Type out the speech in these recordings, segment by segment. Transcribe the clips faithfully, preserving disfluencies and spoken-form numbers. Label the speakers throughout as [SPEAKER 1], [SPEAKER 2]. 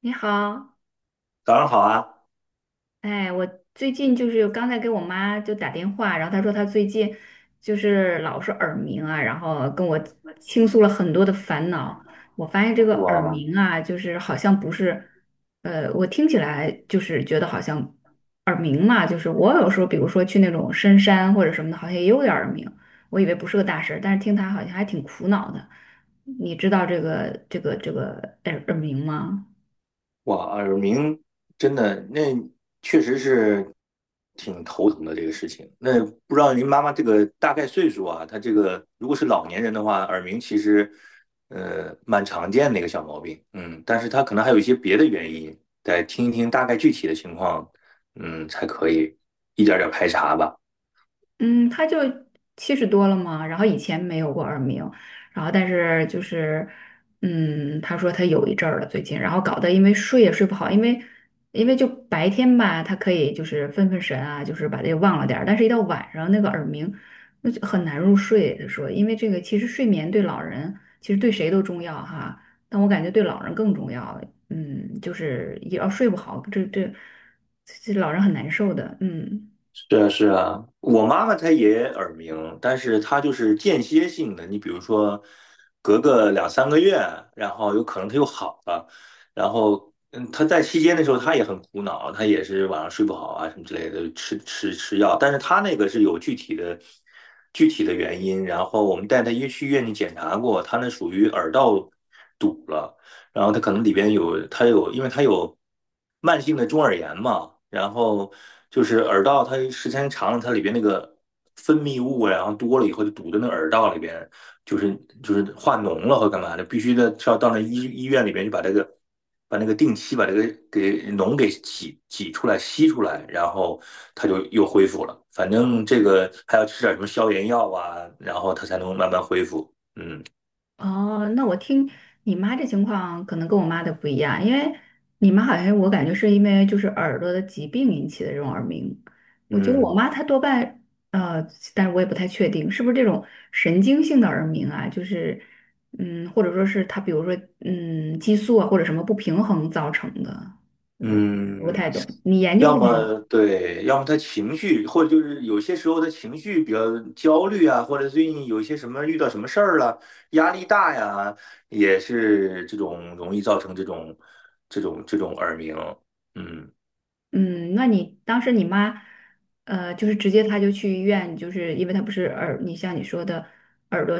[SPEAKER 1] 你好，哎，我最近就是刚才给我妈就打电话，然后她说她最近就是老是耳鸣啊，然后跟我倾诉了很多的烦恼。我发现这个耳
[SPEAKER 2] 哇
[SPEAKER 1] 鸣啊，就是好像不是，呃，我听起来就是觉得好像耳鸣嘛，就是我有时候比如说去那种深山或者什么的，好像也有点耳鸣，我以为不是个大事儿，但是听她好像还挺苦恼的。你知道这个这个这个耳耳鸣吗？
[SPEAKER 2] 哇，耳鸣真的那确实是挺头疼的这个事情。那不知道您妈妈这个大概岁数啊？她这个如果是老年人的话，耳鸣其实呃蛮常见的一个小毛病。嗯，但是她可能还有一些别的原因，得听一听大概具体的情况，嗯，才可以一点儿点儿排查吧。
[SPEAKER 1] 嗯，他就七十多了嘛，然后以前没有过耳鸣，然后但是就是，嗯，他说他有一阵儿了最近，然后搞得因为睡也睡不好，因为因为就白天吧，他可以就是分分神啊，就是把这个忘了点儿，但是一到晚上那个耳鸣，那就很难入睡。他说，因为这个其实睡眠对老人其实对谁都重要哈，但我感觉对老人更重要。嗯，就是也要睡不好，这这这老人很难受的，嗯。
[SPEAKER 2] 是啊，是啊，我妈妈她也耳鸣，但是她就是间歇性的。你比如说，隔个两三个月，然后有可能她又好了，然后嗯，她在期间的时候，她也很苦恼，她也是晚上睡不好啊什么之类的，吃吃吃药。但是她那个是有具体的具体的原因，然后我们带她去医院里检查过，她那属于耳道堵了。然后它可能里边有它有，因为它有慢性的中耳炎嘛，然后就是耳道它时间长了，它里边那个分泌物啊然后多了以后就堵在那耳道里边，就是就是化脓了或干嘛的，必须得要到那医医院里边去把这个把那个定期把这个给脓给挤挤出来吸出来，然后它就又恢复了。反正这个还要吃点什么消炎药啊，然后它才能慢慢恢复。嗯
[SPEAKER 1] 哦，那我听你妈这情况可能跟我妈的不一样，因为你妈好像我感觉是因为就是耳朵的疾病引起的这种耳鸣，我觉得我
[SPEAKER 2] 嗯
[SPEAKER 1] 妈她多半呃，但是我也不太确定是不是这种神经性的耳鸣啊，就是嗯，或者说是她比如说嗯激素啊或者什么不平衡造成的，嗯，不
[SPEAKER 2] 嗯。
[SPEAKER 1] 太懂，你研究
[SPEAKER 2] 要
[SPEAKER 1] 过吗？
[SPEAKER 2] 么对，要么他情绪，或者就是有些时候他情绪比较焦虑啊，或者最近有一些什么遇到什么事儿了，压力大呀，也是这种容易造成这种这种这种耳鸣。嗯
[SPEAKER 1] 嗯，那你当时你妈，呃，就是直接她就去医院，就是因为她不是耳，你像你说的耳朵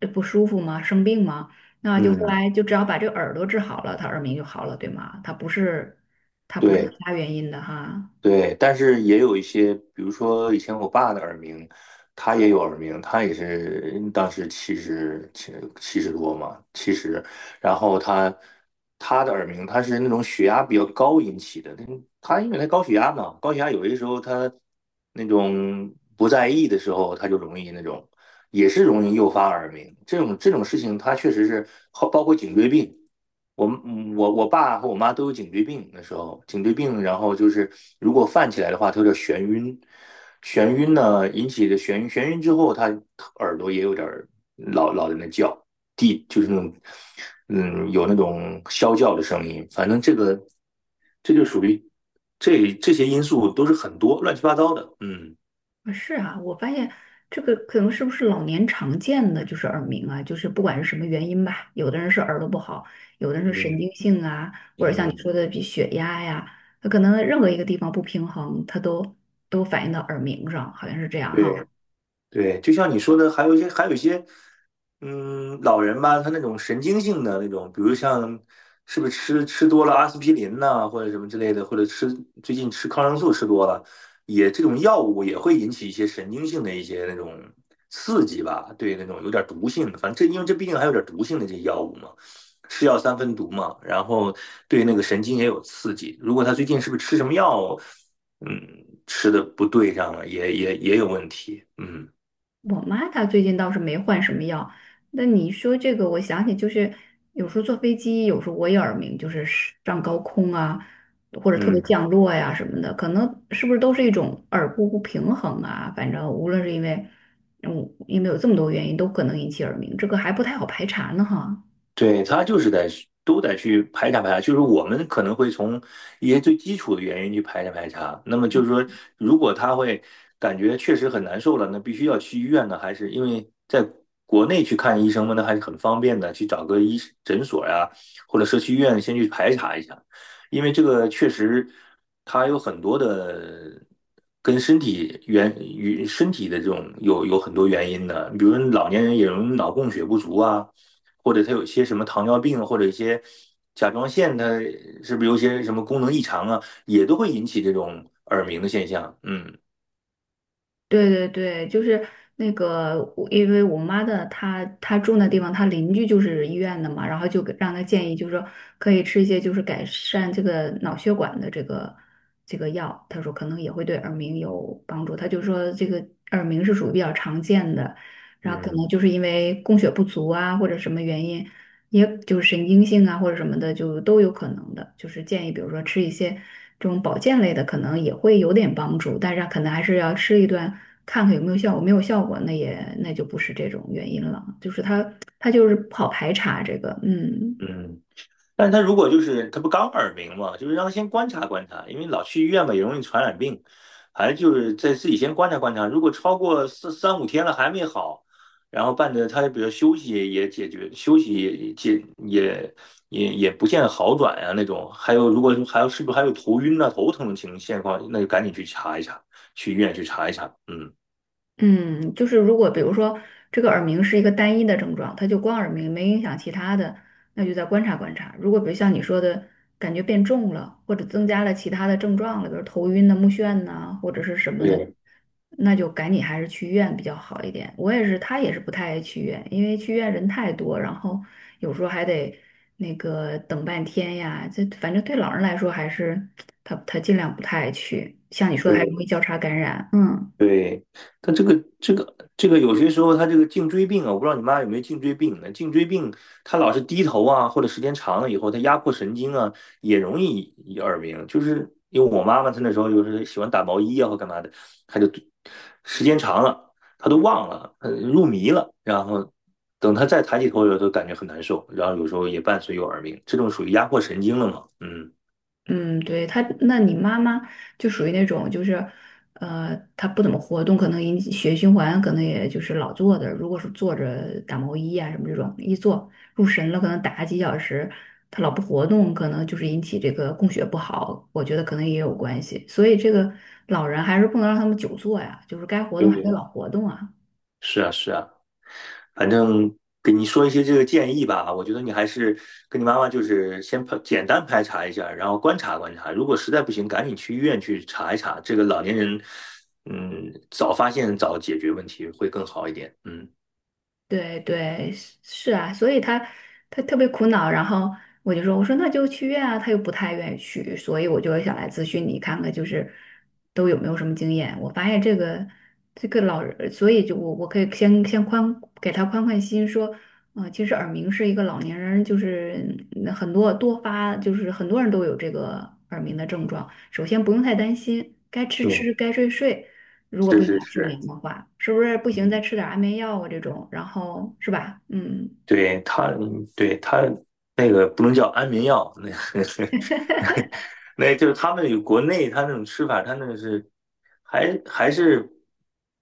[SPEAKER 1] 呃不舒服吗？生病吗？那就后
[SPEAKER 2] 嗯，
[SPEAKER 1] 来就只要把这个耳朵治好了，她耳鸣就好了，对吗？她不是，她不是其
[SPEAKER 2] 对。
[SPEAKER 1] 他原因的哈。
[SPEAKER 2] 对，但是也有一些，比如说以前我爸的耳鸣，他也有耳鸣，他也是当时七十七七十多嘛，七十，然后他他的耳鸣，他是那种血压比较高引起的，他他因为他高血压嘛，高血压有些时候他那种不在意的时候，他就容易那种也是容易诱发耳鸣，这种这种事情，他确实是包括颈椎病。我嗯我我爸和我妈都有颈椎病，那时候颈椎病，然后就是如果犯起来的话，它有点眩晕，眩晕呢引起的眩晕，眩晕之后，他耳朵也有点老老在那叫，地就是那种嗯有那种啸叫的声音，反正这个这就属于这这些因素都是很多乱七八糟的，嗯
[SPEAKER 1] 啊是啊，我发现这个可能是不是老年常见的就是耳鸣啊，就是不管是什么原因吧，有的人是耳朵不好，有的人是神
[SPEAKER 2] 嗯
[SPEAKER 1] 经性啊，或者像你
[SPEAKER 2] 嗯，
[SPEAKER 1] 说的比血压呀，他可能任何一个地方不平衡，他都都反映到耳鸣上，好像是这样哈。
[SPEAKER 2] 对，对，就像你说的，还有一些，还有一些，嗯，老人吧，他那种神经性的那种，比如像是不是吃吃多了阿司匹林呐、或者什么之类的，或者吃最近吃抗生素吃多了，也这种药物也会引起一些神经性的一些那种刺激吧，对，那种有点毒性的，反正这因为这毕竟还有点毒性的这些药物嘛，是药三分毒嘛，然后对那个神经也有刺激，如果他最近是不是吃什么药，嗯，吃的不对上了，也也也有问题，嗯。
[SPEAKER 1] 我妈她最近倒是没换什么药。那你说这个，我想起就是有时候坐飞机，有时候我也耳鸣，就是上高空啊，或者特别
[SPEAKER 2] 嗯，
[SPEAKER 1] 降落呀、什么的，可能是不是都是一种耳部不平衡啊？反正无论是因为，嗯，因为有这么多原因，都可能引起耳鸣，这个还不太好排查呢哈。
[SPEAKER 2] 对，他就是在都得去排查排查，就是我们可能会从一些最基础的原因去排查排查。那么就是说，如果他会感觉确实很难受了，那必须要去医院呢，还是因为在国内去看医生嘛，那还是很方便的，去找个医诊所呀、或者社区医院先去排查一下，因为这个确实它有很多的跟身体原与身体的这种有有很多原因的，比如老年人也容易脑供血不足啊。或者他有些什么糖尿病，或者一些甲状腺，的是不是有些什么功能异常啊，也都会引起这种耳鸣的现象。嗯
[SPEAKER 1] 对对对，就是那个我，因为我妈的她她住那地方，她邻居就是医院的嘛，然后就给让她建议，就是说可以吃一些就是改善这个脑血管的这个这个药，她说可能也会对耳鸣有帮助。她就说这个耳鸣是属于比较常见的，然后可能
[SPEAKER 2] 嗯
[SPEAKER 1] 就是因为供血不足啊或者什么原因，也就是神经性啊或者什么的，就都有可能的。就是建议，比如说吃一些这种保健类的，可能也会有点帮助，但是可能还是要吃一段，看看有没有效果。没有效果，那也那就不是这种原因了，就是它它就是不好排查这个，嗯。
[SPEAKER 2] 嗯。但是他如果就是他不刚耳鸣嘛，就是让他先观察观察，因为老去医院嘛也容易传染病，反正就是在自己先观察观察。如果超过四三五天了还没好，然后伴着他比如休息也解决，休息也解也也也不见好转呀、那种，还有如果还有是不是还有头晕啊头疼的情况，那就赶紧去查一查，去医院去查一查。嗯，
[SPEAKER 1] 嗯，就是如果比如说这个耳鸣是一个单一的症状，它就光耳鸣没影响其他的，那就再观察观察。如果比如像你说的，感觉变重了，或者增加了其他的症状了，比如头晕呐、目眩呐、或者是什么的，
[SPEAKER 2] 对
[SPEAKER 1] 那就赶紧还是去医院比较好一点。我也是，他也是不太爱去医院，因为去医院人太多，然后有时候还得那个等半天呀。这反正对老人来说，还是他他尽量不太爱去。像你说的，还容
[SPEAKER 2] 对，
[SPEAKER 1] 易交叉感染，嗯。
[SPEAKER 2] 对，但这个这个这个有些时候他这个颈椎病啊，我不知道你妈有没有颈椎病呢？颈椎病他老是低头啊，或者时间长了以后，他压迫神经啊，也容易耳鸣。就是因为我妈妈她那时候就是喜欢打毛衣啊或干嘛的，她就时间长了，她都忘了，呃入迷了，然后等她再抬起头的时候，都感觉很难受，然后有时候也伴随有耳鸣，这种属于压迫神经了嘛？嗯，
[SPEAKER 1] 嗯，对，他，那你妈妈就属于那种，就是，呃，她不怎么活动，可能引起血液循环，可能也就是老坐着。如果是坐着打毛衣啊什么这种，一坐入神了，可能打几小时，她老不活动，可能就是引起这个供血不好，我觉得可能也有关系。所以这个老人还是不能让他们久坐呀，就是该活动还得老
[SPEAKER 2] 对。
[SPEAKER 1] 活动啊。
[SPEAKER 2] 是啊，是啊。反正给你说一些这个建议吧，我觉得你还是跟你妈妈就是先排简单排查一下，然后观察观察，如果实在不行，赶紧去医院去查一查。这个老年人，嗯，早发现早解决问题会更好一点。嗯，
[SPEAKER 1] 对对，是是啊，所以他他特别苦恼，然后我就说，我说那就去医院啊，他又不太愿意去，所以我就想来咨询你看看，就是都有没有什么经验。我发现这个这个老人，所以就我我可以先先宽给他宽宽心，说，呃，其实耳鸣是一个老年人，就是嗯很多多发，就是很多人都有这个耳鸣的症状。首先不用太担心，该吃
[SPEAKER 2] 对，
[SPEAKER 1] 吃，该睡睡。如果
[SPEAKER 2] 是
[SPEAKER 1] 不影
[SPEAKER 2] 是
[SPEAKER 1] 响睡
[SPEAKER 2] 是，
[SPEAKER 1] 眠的话，是不是不行再
[SPEAKER 2] 嗯，
[SPEAKER 1] 吃点安眠药啊这种？然后是吧？嗯，
[SPEAKER 2] 对他，对他那个不能叫安眠药，那个 那就是他们有国内他那种吃法，他那个是还还是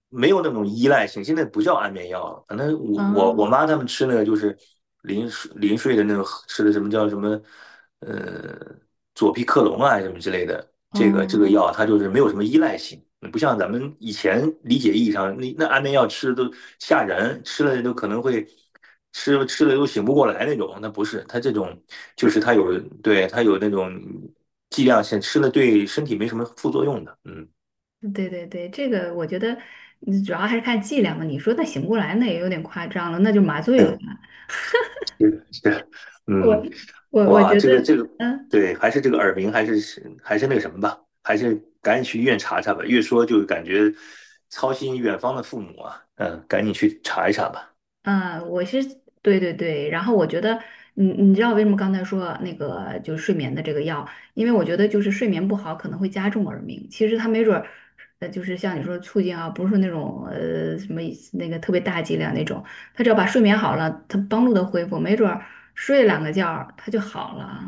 [SPEAKER 2] 没有那种依赖性，现在不叫安眠药了。反正我我我
[SPEAKER 1] 啊，
[SPEAKER 2] 妈他们吃那个就是临睡临睡的那种，吃的什么叫什么呃左匹克隆啊什么之类的，这个这个
[SPEAKER 1] 哦，
[SPEAKER 2] 药它就是没有什么依赖性，不像咱们以前理解意义上，那那安眠药吃都吓人，吃了都可能会吃吃了都醒不过来那种，那不是，它这种就是它有对它有那种剂量性，吃了对身体没什么副作用的，嗯，
[SPEAKER 1] 对对对，这个我觉得嗯主要还是看剂量嘛。你说那醒不过来，那也有点夸张了，那就麻醉了吧？
[SPEAKER 2] 对，是的是的，
[SPEAKER 1] 我
[SPEAKER 2] 嗯。
[SPEAKER 1] 我我
[SPEAKER 2] 哇，
[SPEAKER 1] 觉
[SPEAKER 2] 这个
[SPEAKER 1] 得。
[SPEAKER 2] 这个，
[SPEAKER 1] 嗯。
[SPEAKER 2] 对，还是这个耳鸣，还是还是那个什么吧，还是赶紧去医院查查吧。越说就感觉操心远方的父母啊，嗯，赶紧去查一查吧。
[SPEAKER 1] 嗯，我是对对对，然后我觉得，你你知道为什么刚才说那个就是睡眠的这个药？因为我觉得就是睡眠不好可能会加重耳鸣，其实它没准儿，呃，就是像你说促进啊，不是说那种呃什么那个特别大剂量那种，它只要把睡眠好了，它帮助它恢复，没准儿睡两个觉儿它就好了。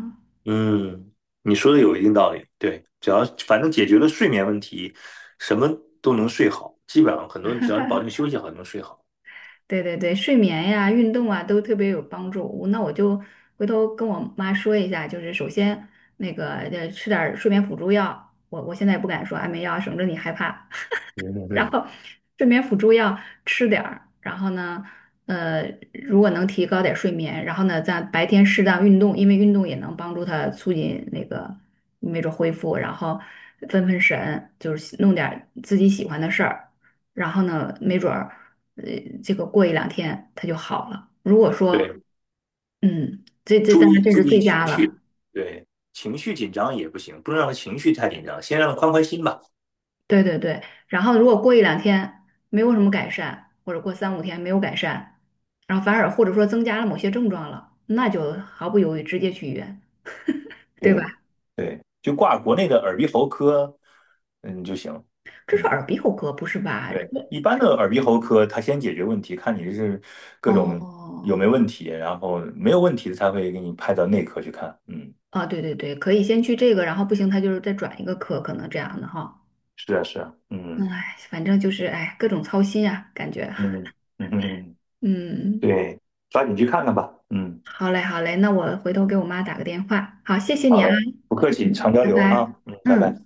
[SPEAKER 2] 嗯，你说的有一定道理，对，只要反正解决了睡眠问题，什么都能睡好，基本上很多人只要你保证休息好，就能睡好。
[SPEAKER 1] 对对对，睡眠呀、运动啊都特别有帮助。我那我就回头跟我妈说一下，就是首先那个呃吃点儿睡眠辅助药，我我现在不敢说安眠药，省着你害怕。
[SPEAKER 2] 嗯
[SPEAKER 1] 然
[SPEAKER 2] 对，
[SPEAKER 1] 后睡眠辅助药吃点儿，然后呢，呃，如果能提高点睡眠，然后呢，在白天适当运动，因为运动也能帮助他促进那个没准恢复，然后分分神，就是弄点儿自己喜欢的事儿，然后呢，没准儿，呃，这个过一两天他就好了。如果说，
[SPEAKER 2] 对，
[SPEAKER 1] 嗯，这这
[SPEAKER 2] 注
[SPEAKER 1] 当然
[SPEAKER 2] 意
[SPEAKER 1] 这
[SPEAKER 2] 注
[SPEAKER 1] 是
[SPEAKER 2] 意
[SPEAKER 1] 最
[SPEAKER 2] 情
[SPEAKER 1] 佳
[SPEAKER 2] 绪，
[SPEAKER 1] 了。
[SPEAKER 2] 对，情绪紧张也不行，不能让他情绪太紧张，先让他宽宽心吧。
[SPEAKER 1] 对对对，然后如果过一两天没有什么改善，或者过三五天没有改善，然后反而或者说增加了某些症状了，那就毫不犹豫直接去医院，对吧？
[SPEAKER 2] 对对，就挂国内的耳鼻喉科，嗯就行。
[SPEAKER 1] 这是
[SPEAKER 2] 嗯，
[SPEAKER 1] 耳鼻喉科，不是吧？这
[SPEAKER 2] 对，一般的耳鼻喉科，他先解决问题，看你是各种有
[SPEAKER 1] 哦，
[SPEAKER 2] 没有问题，然后没有问题的才会给你派到内科去看。嗯，
[SPEAKER 1] 啊，对对对，可以先去这个，然后不行，他就是再转一个科，可能这样的哈。
[SPEAKER 2] 是啊，是啊，
[SPEAKER 1] 嗯
[SPEAKER 2] 嗯
[SPEAKER 1] 哎，反正就是哎，各种操心啊，感觉。
[SPEAKER 2] 嗯嗯，
[SPEAKER 1] 嗯，
[SPEAKER 2] 对，抓紧去看看吧。嗯，
[SPEAKER 1] 好嘞好嘞，那我回头给我妈打个电话。好，谢谢你啊，
[SPEAKER 2] 不客气，常交
[SPEAKER 1] 拜
[SPEAKER 2] 流
[SPEAKER 1] 拜。
[SPEAKER 2] 啊。嗯，拜拜。
[SPEAKER 1] 嗯。